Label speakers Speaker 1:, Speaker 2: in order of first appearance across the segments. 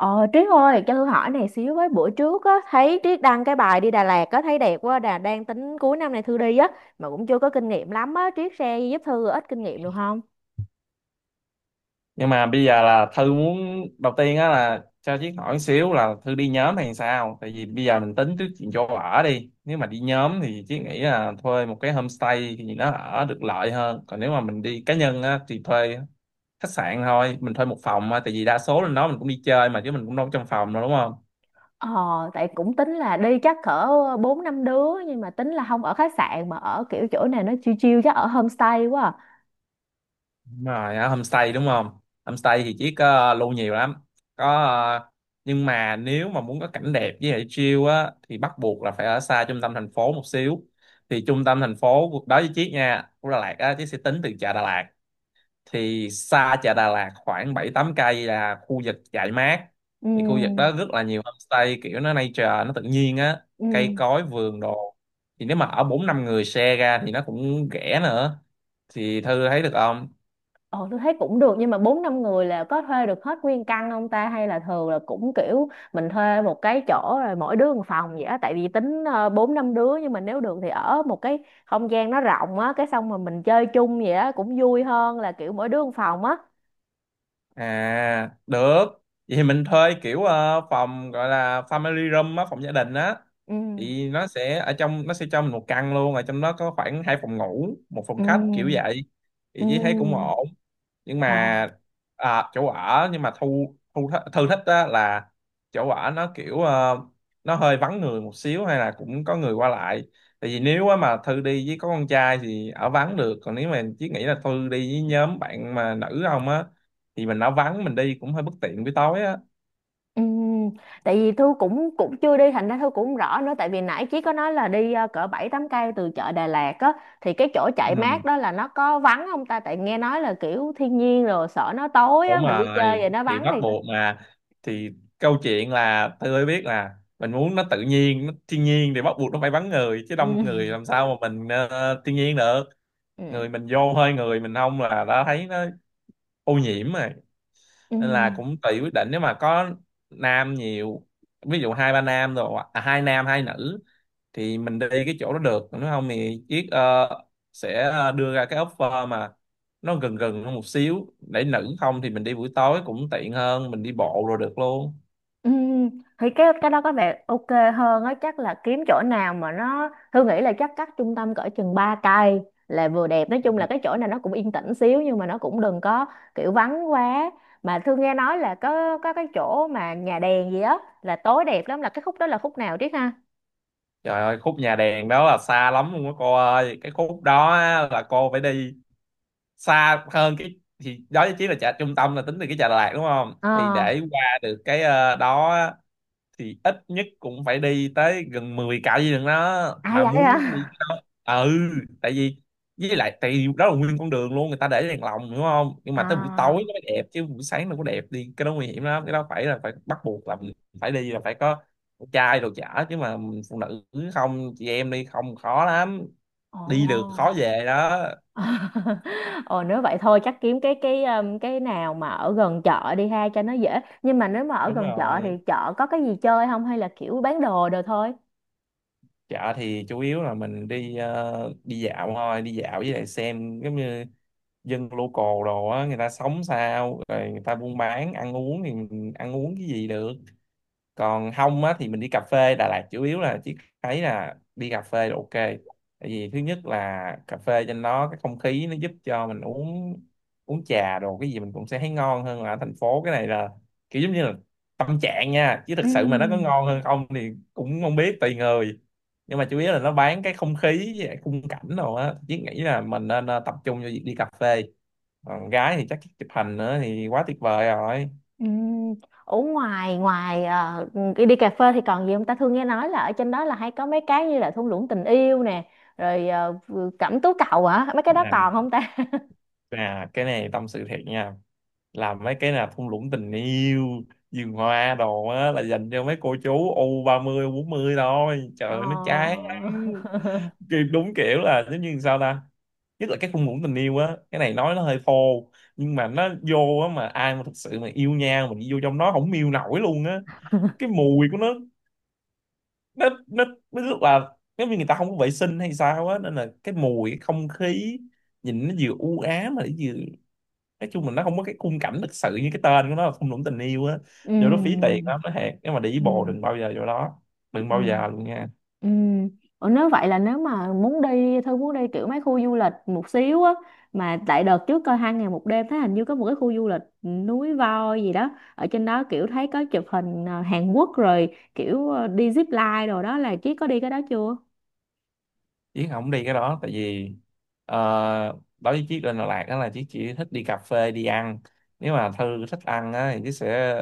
Speaker 1: Ờ Trí ơi cho Thư hỏi này xíu với, bữa trước á thấy Trí đăng cái bài đi Đà Lạt á thấy đẹp quá, đà đang tính cuối năm này Thư đi á, mà cũng chưa có kinh nghiệm lắm á, Trí share giúp Thư ít kinh nghiệm được không?
Speaker 2: Nhưng mà bây giờ là Thư muốn, đầu tiên á, là cho Chiết hỏi xíu là Thư đi nhóm hay sao. Tại vì bây giờ mình tính trước chuyện chỗ ở đi, nếu mà đi nhóm thì Chiết nghĩ là thuê một cái homestay thì nó ở được lợi hơn, còn nếu mà mình đi cá nhân á thì thuê khách sạn thôi, mình thuê một phòng á. Tại vì đa số lên đó mình cũng đi chơi mà, chứ mình cũng đâu có trong phòng đâu, đúng không?
Speaker 1: Ờ, Tại cũng tính là đi chắc cỡ 4 5 đứa, nhưng mà tính là không ở khách sạn mà ở kiểu chỗ này nó chill chill, chắc ở homestay quá. À.
Speaker 2: Đúng rồi, ở homestay đúng không. Homestay thì chỉ có lưu nhiều lắm, có nhưng mà nếu mà muốn có cảnh đẹp với lại chill á thì bắt buộc là phải ở xa trung tâm thành phố một xíu. Thì trung tâm thành phố cuộc đó với Chiết nha, của Đà Lạt á, Chiết sẽ tính từ chợ Đà Lạt. Thì xa chợ Đà Lạt khoảng bảy tám cây là khu vực dại mát.
Speaker 1: Ừ,
Speaker 2: Thì khu vực đó rất là nhiều homestay, kiểu nó nature, nó tự nhiên á,
Speaker 1: ừ.
Speaker 2: cây cối vườn đồ. Thì nếu mà ở bốn năm người share ra thì nó cũng rẻ nữa. Thì Thư thấy được không?
Speaker 1: Ờ tôi thấy cũng được, nhưng mà bốn năm người là có thuê được hết nguyên căn không ta, hay là thường là cũng kiểu mình thuê một cái chỗ rồi mỗi đứa một phòng vậy á, tại vì tính bốn năm đứa nhưng mà nếu được thì ở một cái không gian nó rộng á, cái xong mà mình chơi chung vậy á cũng vui hơn là kiểu mỗi đứa một phòng á.
Speaker 2: À, được. Vậy thì mình thuê kiểu phòng gọi là family room á, phòng gia đình á.
Speaker 1: ừ
Speaker 2: Thì nó sẽ, ở trong nó sẽ cho mình một căn luôn, ở trong đó có khoảng hai phòng ngủ, một
Speaker 1: ừ
Speaker 2: phòng khách kiểu vậy. Thì
Speaker 1: ừ
Speaker 2: chỉ thấy cũng ổn. Nhưng mà
Speaker 1: ờ
Speaker 2: à, chỗ ở nhưng mà thu thu th- Thư thích á là chỗ ở nó kiểu nó hơi vắng người một xíu hay là cũng có người qua lại. Tại vì nếu á mà Thư đi với có con trai thì ở vắng được, còn nếu mà chỉ nghĩ là Thư đi với nhóm bạn mà nữ không á thì mình, nó vắng mình đi cũng hơi bất tiện buổi tối á.
Speaker 1: Ừm, tại vì Thu cũng cũng chưa đi thành ra Thu cũng không rõ nữa, tại vì nãy Chí có nói là đi cỡ 7 8 cây từ chợ Đà Lạt á, thì cái chỗ chạy
Speaker 2: Ừ,
Speaker 1: mát đó là nó có vắng không ta, tại nghe nói là kiểu thiên nhiên rồi sợ nó tối á
Speaker 2: đúng
Speaker 1: mình đi chơi
Speaker 2: rồi
Speaker 1: vậy nó
Speaker 2: thì
Speaker 1: vắng
Speaker 2: bắt
Speaker 1: thì.
Speaker 2: buộc mà. Thì câu chuyện là tôi biết là mình muốn nó tự nhiên, nó thiên nhiên thì bắt buộc nó phải vắng người, chứ
Speaker 1: Ừ.
Speaker 2: đông người làm sao mà mình thiên nhiên được. Người
Speaker 1: Ừ.
Speaker 2: mình vô hơi, người mình không là đã thấy nó ô nhiễm rồi.
Speaker 1: Ừ.
Speaker 2: Nên là cũng tùy quyết định, nếu mà có nam nhiều, ví dụ hai ba nam, rồi à, hai nam hai nữ, thì mình đi cái chỗ đó được. Nếu không thì Chiết sẽ đưa ra cái offer mà nó gần gần hơn một xíu, để nữ không thì mình đi buổi tối cũng tiện hơn, mình đi bộ rồi được luôn.
Speaker 1: Ừm, thì cái đó có vẻ ok hơn á, chắc là kiếm chỗ nào mà nó, Thư nghĩ là chắc cách trung tâm cỡ chừng 3 cây là vừa đẹp. Nói chung là cái chỗ này nó cũng yên tĩnh xíu nhưng mà nó cũng đừng có kiểu vắng quá. Mà Thư nghe nói là có cái chỗ mà nhà đèn gì á là tối đẹp lắm, là cái khúc đó là khúc nào Triết ha?
Speaker 2: Trời ơi, khúc nhà đèn đó là xa lắm luôn á cô ơi. Cái khúc đó á, là cô phải đi xa hơn, cái thì đó chỉ là chợ trung tâm, là tính từ cái Chợ Đà Lạt đúng không.
Speaker 1: ờ
Speaker 2: Thì để qua được cái đó thì ít nhất cũng phải đi tới gần 10 cạo gì đường đó
Speaker 1: À
Speaker 2: mà
Speaker 1: vậy
Speaker 2: muốn đi
Speaker 1: hả?
Speaker 2: cái đó. Ừ, tại vì, với lại tại vì đó là nguyên con đường luôn người ta để đèn lồng đúng không. Nhưng mà tới buổi tối
Speaker 1: À.
Speaker 2: nó mới đẹp chứ buổi sáng nó có đẹp. Đi cái đó nguy hiểm lắm, cái đó phải là, phải bắt buộc là mình phải đi là phải có trai đồ chả, chứ mà phụ nữ không, chị em đi không khó lắm, đi được khó
Speaker 1: Ồ.
Speaker 2: về đó.
Speaker 1: Ồ nếu vậy thôi chắc kiếm cái cái nào mà ở gần chợ đi ha cho nó dễ. Nhưng mà nếu mà ở
Speaker 2: Đúng
Speaker 1: gần chợ thì
Speaker 2: rồi,
Speaker 1: chợ có cái gì chơi không, hay là kiểu bán đồ đồ thôi?
Speaker 2: chợ thì chủ yếu là mình đi đi dạo thôi, đi dạo với lại xem giống như dân local đồ á, người ta sống sao rồi người ta buôn bán ăn uống thì mình ăn uống cái gì được. Còn không á thì mình đi cà phê. Đà Lạt chủ yếu là chỉ thấy là đi cà phê là ok. Tại vì thứ nhất là cà phê trên đó, cái không khí nó giúp cho mình uống uống trà đồ cái gì mình cũng sẽ thấy ngon hơn là ở thành phố. Cái này là kiểu giống như là tâm trạng nha, chứ thực sự mà nó có
Speaker 1: Ừm,
Speaker 2: ngon hơn không thì cũng không biết, tùy người. Nhưng mà chủ yếu là nó bán cái không khí với lại khung cảnh đồ á, chứ nghĩ là mình nên tập trung cho việc đi cà phê. Còn gái thì chắc chụp hình nữa thì quá tuyệt vời rồi.
Speaker 1: Ừm, Ở ngoài ngoài ờ, đi, đi cà phê thì còn gì không ta? Thường nghe nói là ở trên đó là hay có mấy cái như là thung lũng tình yêu nè, rồi cẩm tú cầu hả? Mấy cái đó
Speaker 2: À,
Speaker 1: còn không ta?
Speaker 2: à, cái này tâm sự thiệt nha. Làm mấy cái là thung lũng tình yêu, vườn hoa đồ á là dành cho mấy cô chú u 30 u 40 thôi, trời ơi, nó chán
Speaker 1: Ờ.
Speaker 2: lắm. Đúng kiểu là giống như sao ta. Nhất là cái thung lũng tình yêu á, cái này nói nó hơi thô, nhưng mà nó vô á mà ai mà thực sự mà yêu nhau mình đi vô trong nó không miêu nổi luôn á. Cái mùi của nó nó rất là giống như người ta không có vệ sinh hay sao á, nên là cái mùi, cái không khí nhìn nó vừa u ám mà nó vừa, nói chung là nó không có cái khung cảnh thực sự như cái tên của nó là thung lũng tình yêu á. Vô đó phí tiền
Speaker 1: ừm,
Speaker 2: lắm, nó hẹn, nếu mà đi với bồ
Speaker 1: ừm,
Speaker 2: đừng bao giờ vô đó, đừng bao
Speaker 1: ừm.
Speaker 2: giờ luôn nha.
Speaker 1: Ừ. Ủa nếu vậy là nếu mà muốn đi thôi muốn đi kiểu mấy khu du lịch một xíu á, mà tại đợt trước coi hai ngày một đêm thấy hình như có một cái khu du lịch núi voi gì đó ở trên đó, kiểu thấy có chụp hình à, Hàn Quốc, rồi kiểu à, đi zip line, rồi đó là Chí có đi cái đó chưa?
Speaker 2: Chứ không đi cái đó tại vì ờ, đối với Chiết, lên Đà Lạt đó là Chiết chỉ thích đi cà phê, đi ăn. Nếu mà Thư thích ăn á thì Chiết sẽ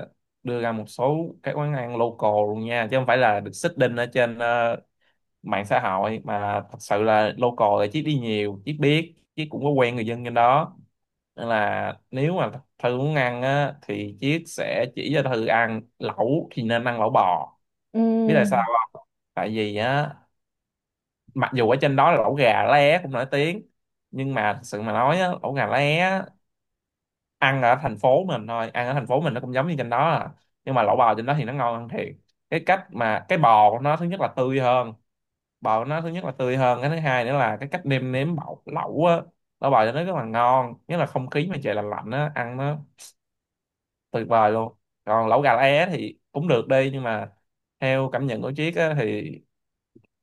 Speaker 2: đưa ra một số cái quán ăn local luôn nha, chứ không phải là được xích đinh ở trên mạng xã hội. Mà thật sự là local, là Chiết đi nhiều Chiết biết, Chiết cũng có quen người dân trên đó. Nên là nếu mà Thư muốn ăn á thì Chiết sẽ chỉ cho Thư ăn lẩu, thì nên ăn lẩu bò. Biết tại sao
Speaker 1: Ừ.
Speaker 2: không? Tại vì á, mặc dù ở trên đó là lẩu gà lá é cũng nổi tiếng, nhưng mà thật sự mà nói á, lẩu gà lá é á, ăn ở thành phố mình thôi, ăn ở thành phố mình nó cũng giống như trên đó à. Nhưng mà lẩu bò trên đó thì nó ngon hơn thiệt. Cái cách mà cái bò của nó, thứ nhất là tươi hơn, bò của nó thứ nhất là tươi hơn. Cái thứ hai nữa là cái cách nêm nếm bọc lẩu á, lẩu bò cho nó rất là ngon. Nhất là không khí mà trời lạnh lạnh á, ăn nó tuyệt vời luôn. Còn lẩu gà lá é thì cũng được đi, nhưng mà theo cảm nhận của Triết á, thì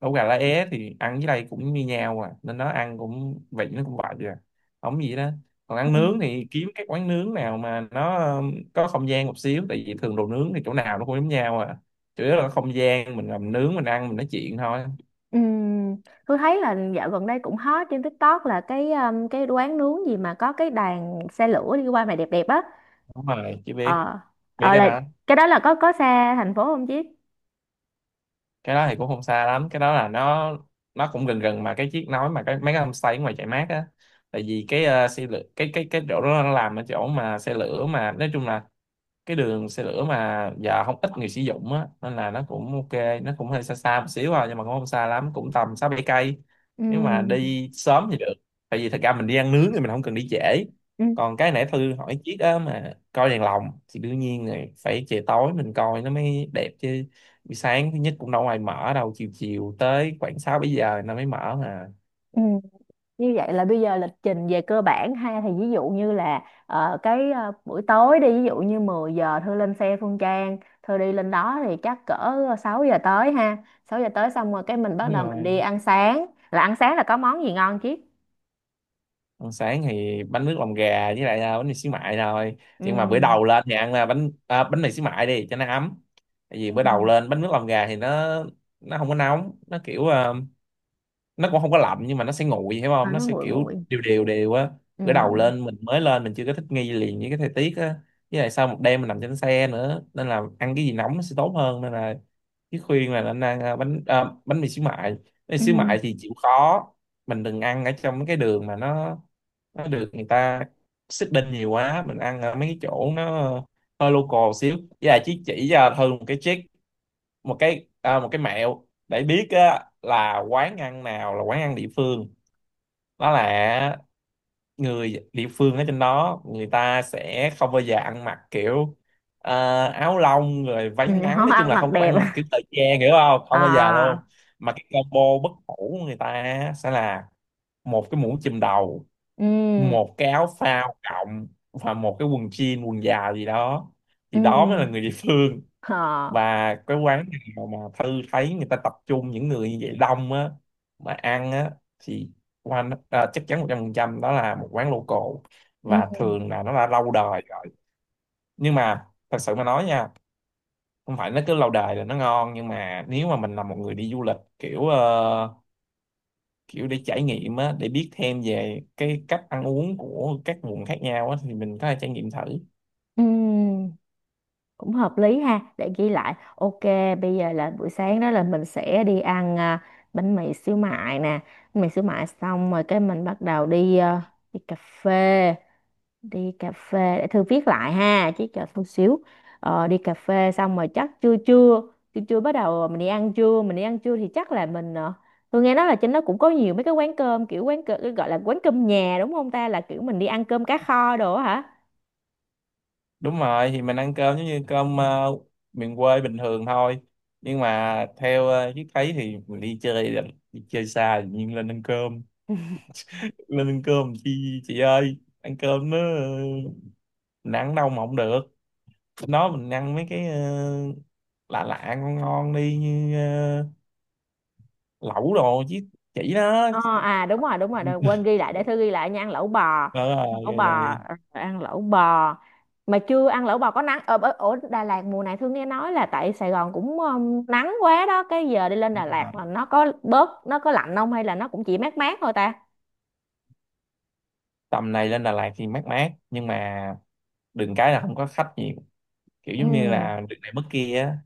Speaker 2: lẩu gà lá é thì ăn với đây cũng như nhau à, nên nó ăn cũng vị, nó cũng vậy à, không gì đó. Còn ăn
Speaker 1: Ừ.
Speaker 2: nướng thì kiếm cái quán nướng nào mà nó có không gian một xíu, tại vì thường đồ nướng thì chỗ nào nó cũng giống nhau à, chủ yếu là không gian mình làm nướng mình ăn mình nói chuyện thôi.
Speaker 1: Ừ. Tôi thấy là dạo gần đây cũng hot trên TikTok là cái quán nướng gì mà có cái đoàn xe lửa đi qua mà đẹp đẹp á.
Speaker 2: Đúng rồi, chỉ biết
Speaker 1: Ờ
Speaker 2: biết
Speaker 1: ờ
Speaker 2: cái
Speaker 1: là
Speaker 2: đó.
Speaker 1: Cái đó là có xa thành phố không Chí?
Speaker 2: Cái đó thì cũng không xa lắm, cái đó là nó cũng gần gần, mà cái chiếc nói mà cái mấy cái homestay ngoài chạy mát á. Tại vì cái xe lửa, cái cái chỗ đó nó làm ở chỗ mà xe lửa, mà nói chung là cái đường xe lửa mà giờ không ít người sử dụng á nên là nó cũng ok, nó cũng hơi xa xa một xíu à, nhưng mà cũng không xa lắm, cũng tầm sáu bảy cây.
Speaker 1: Ừ.
Speaker 2: Nếu mà đi sớm thì được, tại vì thật ra mình đi ăn nướng thì mình không cần đi trễ.
Speaker 1: Ừ.
Speaker 2: Còn cái nãy Thư hỏi chiếc á mà coi đèn lồng thì đương nhiên rồi phải trời tối mình coi nó mới đẹp chứ, buổi sáng thứ nhất cũng đâu ai mở đâu, chiều chiều tới khoảng sáu bảy giờ nó mới mở mà.
Speaker 1: Ừ. Như vậy là bây giờ lịch trình về cơ bản ha, thì ví dụ như là buổi tối đi ví dụ như 10 giờ Thư lên xe Phương Trang, Thư đi lên đó thì chắc cỡ 6 giờ tới ha, 6 giờ tới xong rồi cái mình bắt
Speaker 2: Đúng
Speaker 1: đầu mình
Speaker 2: rồi.
Speaker 1: đi ăn sáng, là ăn sáng là có món gì ngon chứ?
Speaker 2: Ăn sáng thì bánh nước lòng gà với lại bánh mì xíu mại thôi. Nhưng mà bữa
Speaker 1: ừ
Speaker 2: đầu lên thì ăn là bánh mì xíu mại đi cho nó ấm. Tại vì
Speaker 1: ừ
Speaker 2: bữa đầu lên bánh nước lòng gà thì nó không có nóng, nó kiểu nó cũng không có lạnh, nhưng mà nó sẽ nguội, hiểu
Speaker 1: À,
Speaker 2: không, nó
Speaker 1: nó
Speaker 2: sẽ
Speaker 1: nguội
Speaker 2: kiểu
Speaker 1: nguội.
Speaker 2: đều đều đều á.
Speaker 1: ừ
Speaker 2: Bữa đầu lên mình mới lên mình chưa có thích nghi liền với cái thời tiết á, với lại sau một đêm mình nằm trên xe nữa, nên là ăn cái gì nóng nó sẽ tốt hơn nên là cái khuyên là nên ăn bánh mì xíu mại. Bánh mì
Speaker 1: ừ
Speaker 2: xíu mại thì chịu khó mình đừng ăn ở trong cái đường mà nó được người ta xích nhiều quá, mình ăn ở mấy cái chỗ nó hơi local xíu. Với lại chỉ cho Thư một cái trick, một cái mẹo để biết á, là quán ăn nào là quán ăn địa phương. Đó là người địa phương ở trên đó người ta sẽ không bao giờ ăn mặc kiểu áo lông rồi váy
Speaker 1: ừ
Speaker 2: ngắn,
Speaker 1: Không
Speaker 2: nói chung
Speaker 1: ăn
Speaker 2: là
Speaker 1: mặc
Speaker 2: không có
Speaker 1: đẹp.
Speaker 2: ăn mặc kiểu thời trang, hiểu không, không bao giờ
Speaker 1: à
Speaker 2: luôn. Mà cái combo bất hủ của người ta á sẽ là một cái mũ chùm đầu,
Speaker 1: ừ
Speaker 2: một cái áo phao cộng và một cái quần jean quần dài gì đó,
Speaker 1: ừ
Speaker 2: thì đó mới là người địa phương.
Speaker 1: ờ
Speaker 2: Và cái quán nào mà Thư thấy người ta tập trung những người như vậy đông á mà ăn á thì chắc chắn 100% đó là một quán local, và
Speaker 1: ừ
Speaker 2: thường là nó đã lâu đời rồi. Nhưng mà thật sự mà nói nha, không phải nó cứ lâu đời là nó ngon, nhưng mà nếu mà mình là một người đi du lịch kiểu kiểu để trải nghiệm á, để biết thêm về cái cách ăn uống của các vùng khác nhau á, thì mình có thể trải nghiệm thử.
Speaker 1: ừ Cũng hợp lý ha, để ghi lại ok. Bây giờ là buổi sáng đó là mình sẽ đi ăn bánh mì xíu mại nè. Bánh mì xíu mại xong rồi cái mình bắt đầu đi đi cà phê, đi cà phê để thư viết lại ha, chứ chờ chút xíu. Ờ, đi cà phê xong rồi chắc trưa trưa, trưa trưa bắt đầu mình đi ăn trưa, mình đi ăn trưa thì chắc là mình tôi nghe nói là trên đó cũng có nhiều mấy cái quán cơm, kiểu quán cơm gọi là quán cơm nhà đúng không ta, là kiểu mình đi ăn cơm cá kho đồ á.
Speaker 2: Đúng rồi, thì mình ăn cơm giống như cơm miền quê bình thường thôi. Nhưng mà theo Chiếc thấy thì mình đi chơi xa thì nhiên lên ăn cơm.
Speaker 1: Hả?
Speaker 2: Lên ăn cơm chi chị ơi, ăn cơm nó mình ăn đâu mà không được. Nó mình ăn mấy cái lạ lạ ngon ngon đi, như lẩu đồ chứ, chỉ đó.
Speaker 1: Ờ, à đúng rồi đúng rồi. Đợi, quên ghi lại để thơ ghi lại nha. Ăn lẩu bò,
Speaker 2: Ờ,
Speaker 1: ăn
Speaker 2: rồi
Speaker 1: lẩu bò,
Speaker 2: rồi đây.
Speaker 1: ờ, ăn lẩu bò. Mà chưa ăn lẩu bò có nắng ở Đà Lạt mùa này, Thương nghe nói là tại Sài Gòn cũng nắng quá đó, cái giờ đi lên Đà Lạt là nó có bớt nó có lạnh không, hay là nó cũng chỉ mát mát thôi ta?
Speaker 2: Tầm này lên Đà Lạt thì mát mát, nhưng mà đừng cái là không có khách nhiều, kiểu giống như
Speaker 1: ừ
Speaker 2: là đường này mất kia á.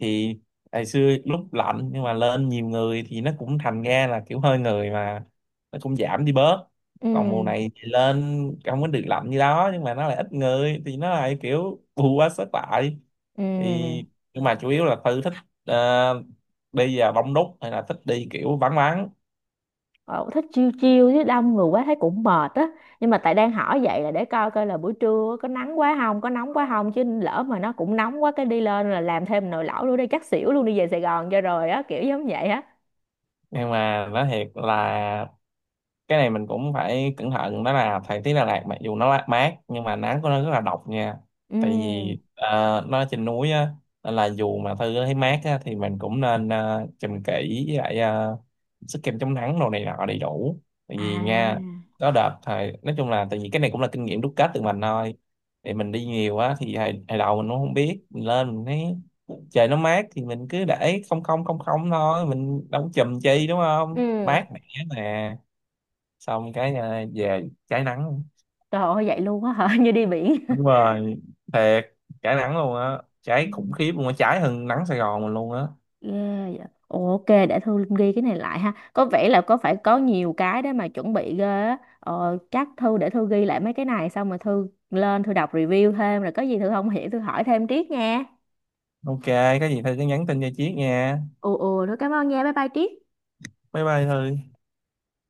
Speaker 2: Thì ngày xưa lúc lạnh nhưng mà lên nhiều người thì nó cũng thành ra là kiểu hơi người mà nó cũng giảm đi bớt.
Speaker 1: ừ
Speaker 2: Còn mùa này thì lên không có được lạnh như đó, nhưng mà nó lại ít người thì nó lại kiểu bù quá sức lại.
Speaker 1: ừ
Speaker 2: Thì nhưng mà chủ yếu là Tư thích ờ, đi vào đông đúc hay là thích đi kiểu vắng vắng.
Speaker 1: ờ, thích chiêu chiêu chứ đông người quá thấy cũng mệt á. Nhưng mà tại đang hỏi vậy là để coi coi là buổi trưa có nắng quá không có nóng quá không, chứ lỡ mà nó cũng nóng quá cái đi lên là làm thêm nồi lẩu nữa đi chắc xỉu luôn, đi về Sài Gòn cho rồi á kiểu giống vậy á.
Speaker 2: Nhưng mà nói thiệt là cái này mình cũng phải cẩn thận, đó là thời tiết Đà Lạt mặc dù nó mát mát, nhưng mà nắng của nó rất là độc nha.
Speaker 1: ừ
Speaker 2: Tại vì nó trên núi á, nên là dù mà Thư thấy mát á, thì mình cũng nên chùm kỹ, với lại sức kem chống nắng đồ này nọ đầy đủ. Tại vì nha,
Speaker 1: à
Speaker 2: có đợt thời nói chung là tại vì cái này cũng là kinh nghiệm đúc kết từ mình thôi. Thì mình đi nhiều á thì hồi đầu mình cũng không biết, mình lên mình thấy trời nó mát thì mình cứ để không không không không thôi, mình đâu có chùm chi đúng không,
Speaker 1: ừ
Speaker 2: mát mẻ mà. Xong cái về cháy nắng.
Speaker 1: Trời ơi vậy luôn á hả? Như đi biển.
Speaker 2: Đúng rồi, thiệt, cháy nắng luôn á,
Speaker 1: Ừ.
Speaker 2: cháy khủng khiếp luôn á, cháy hơn nắng Sài Gòn mình luôn á.
Speaker 1: Yeah, dạ. Ồ, ok, để Thư ghi cái này lại ha. Có vẻ là có phải có nhiều cái để mà chuẩn bị ghê á. Ờ, chắc Thư để Thư ghi lại mấy cái này xong rồi Thư lên Thư đọc review thêm, rồi có gì Thư không hiểu Thư hỏi thêm Triết nha.
Speaker 2: Ok, có gì thôi cứ nhắn tin cho Chiết nha.
Speaker 1: Ồ ồ, thôi cảm ơn nha. Bye bye Triết.
Speaker 2: Bye bye Thư.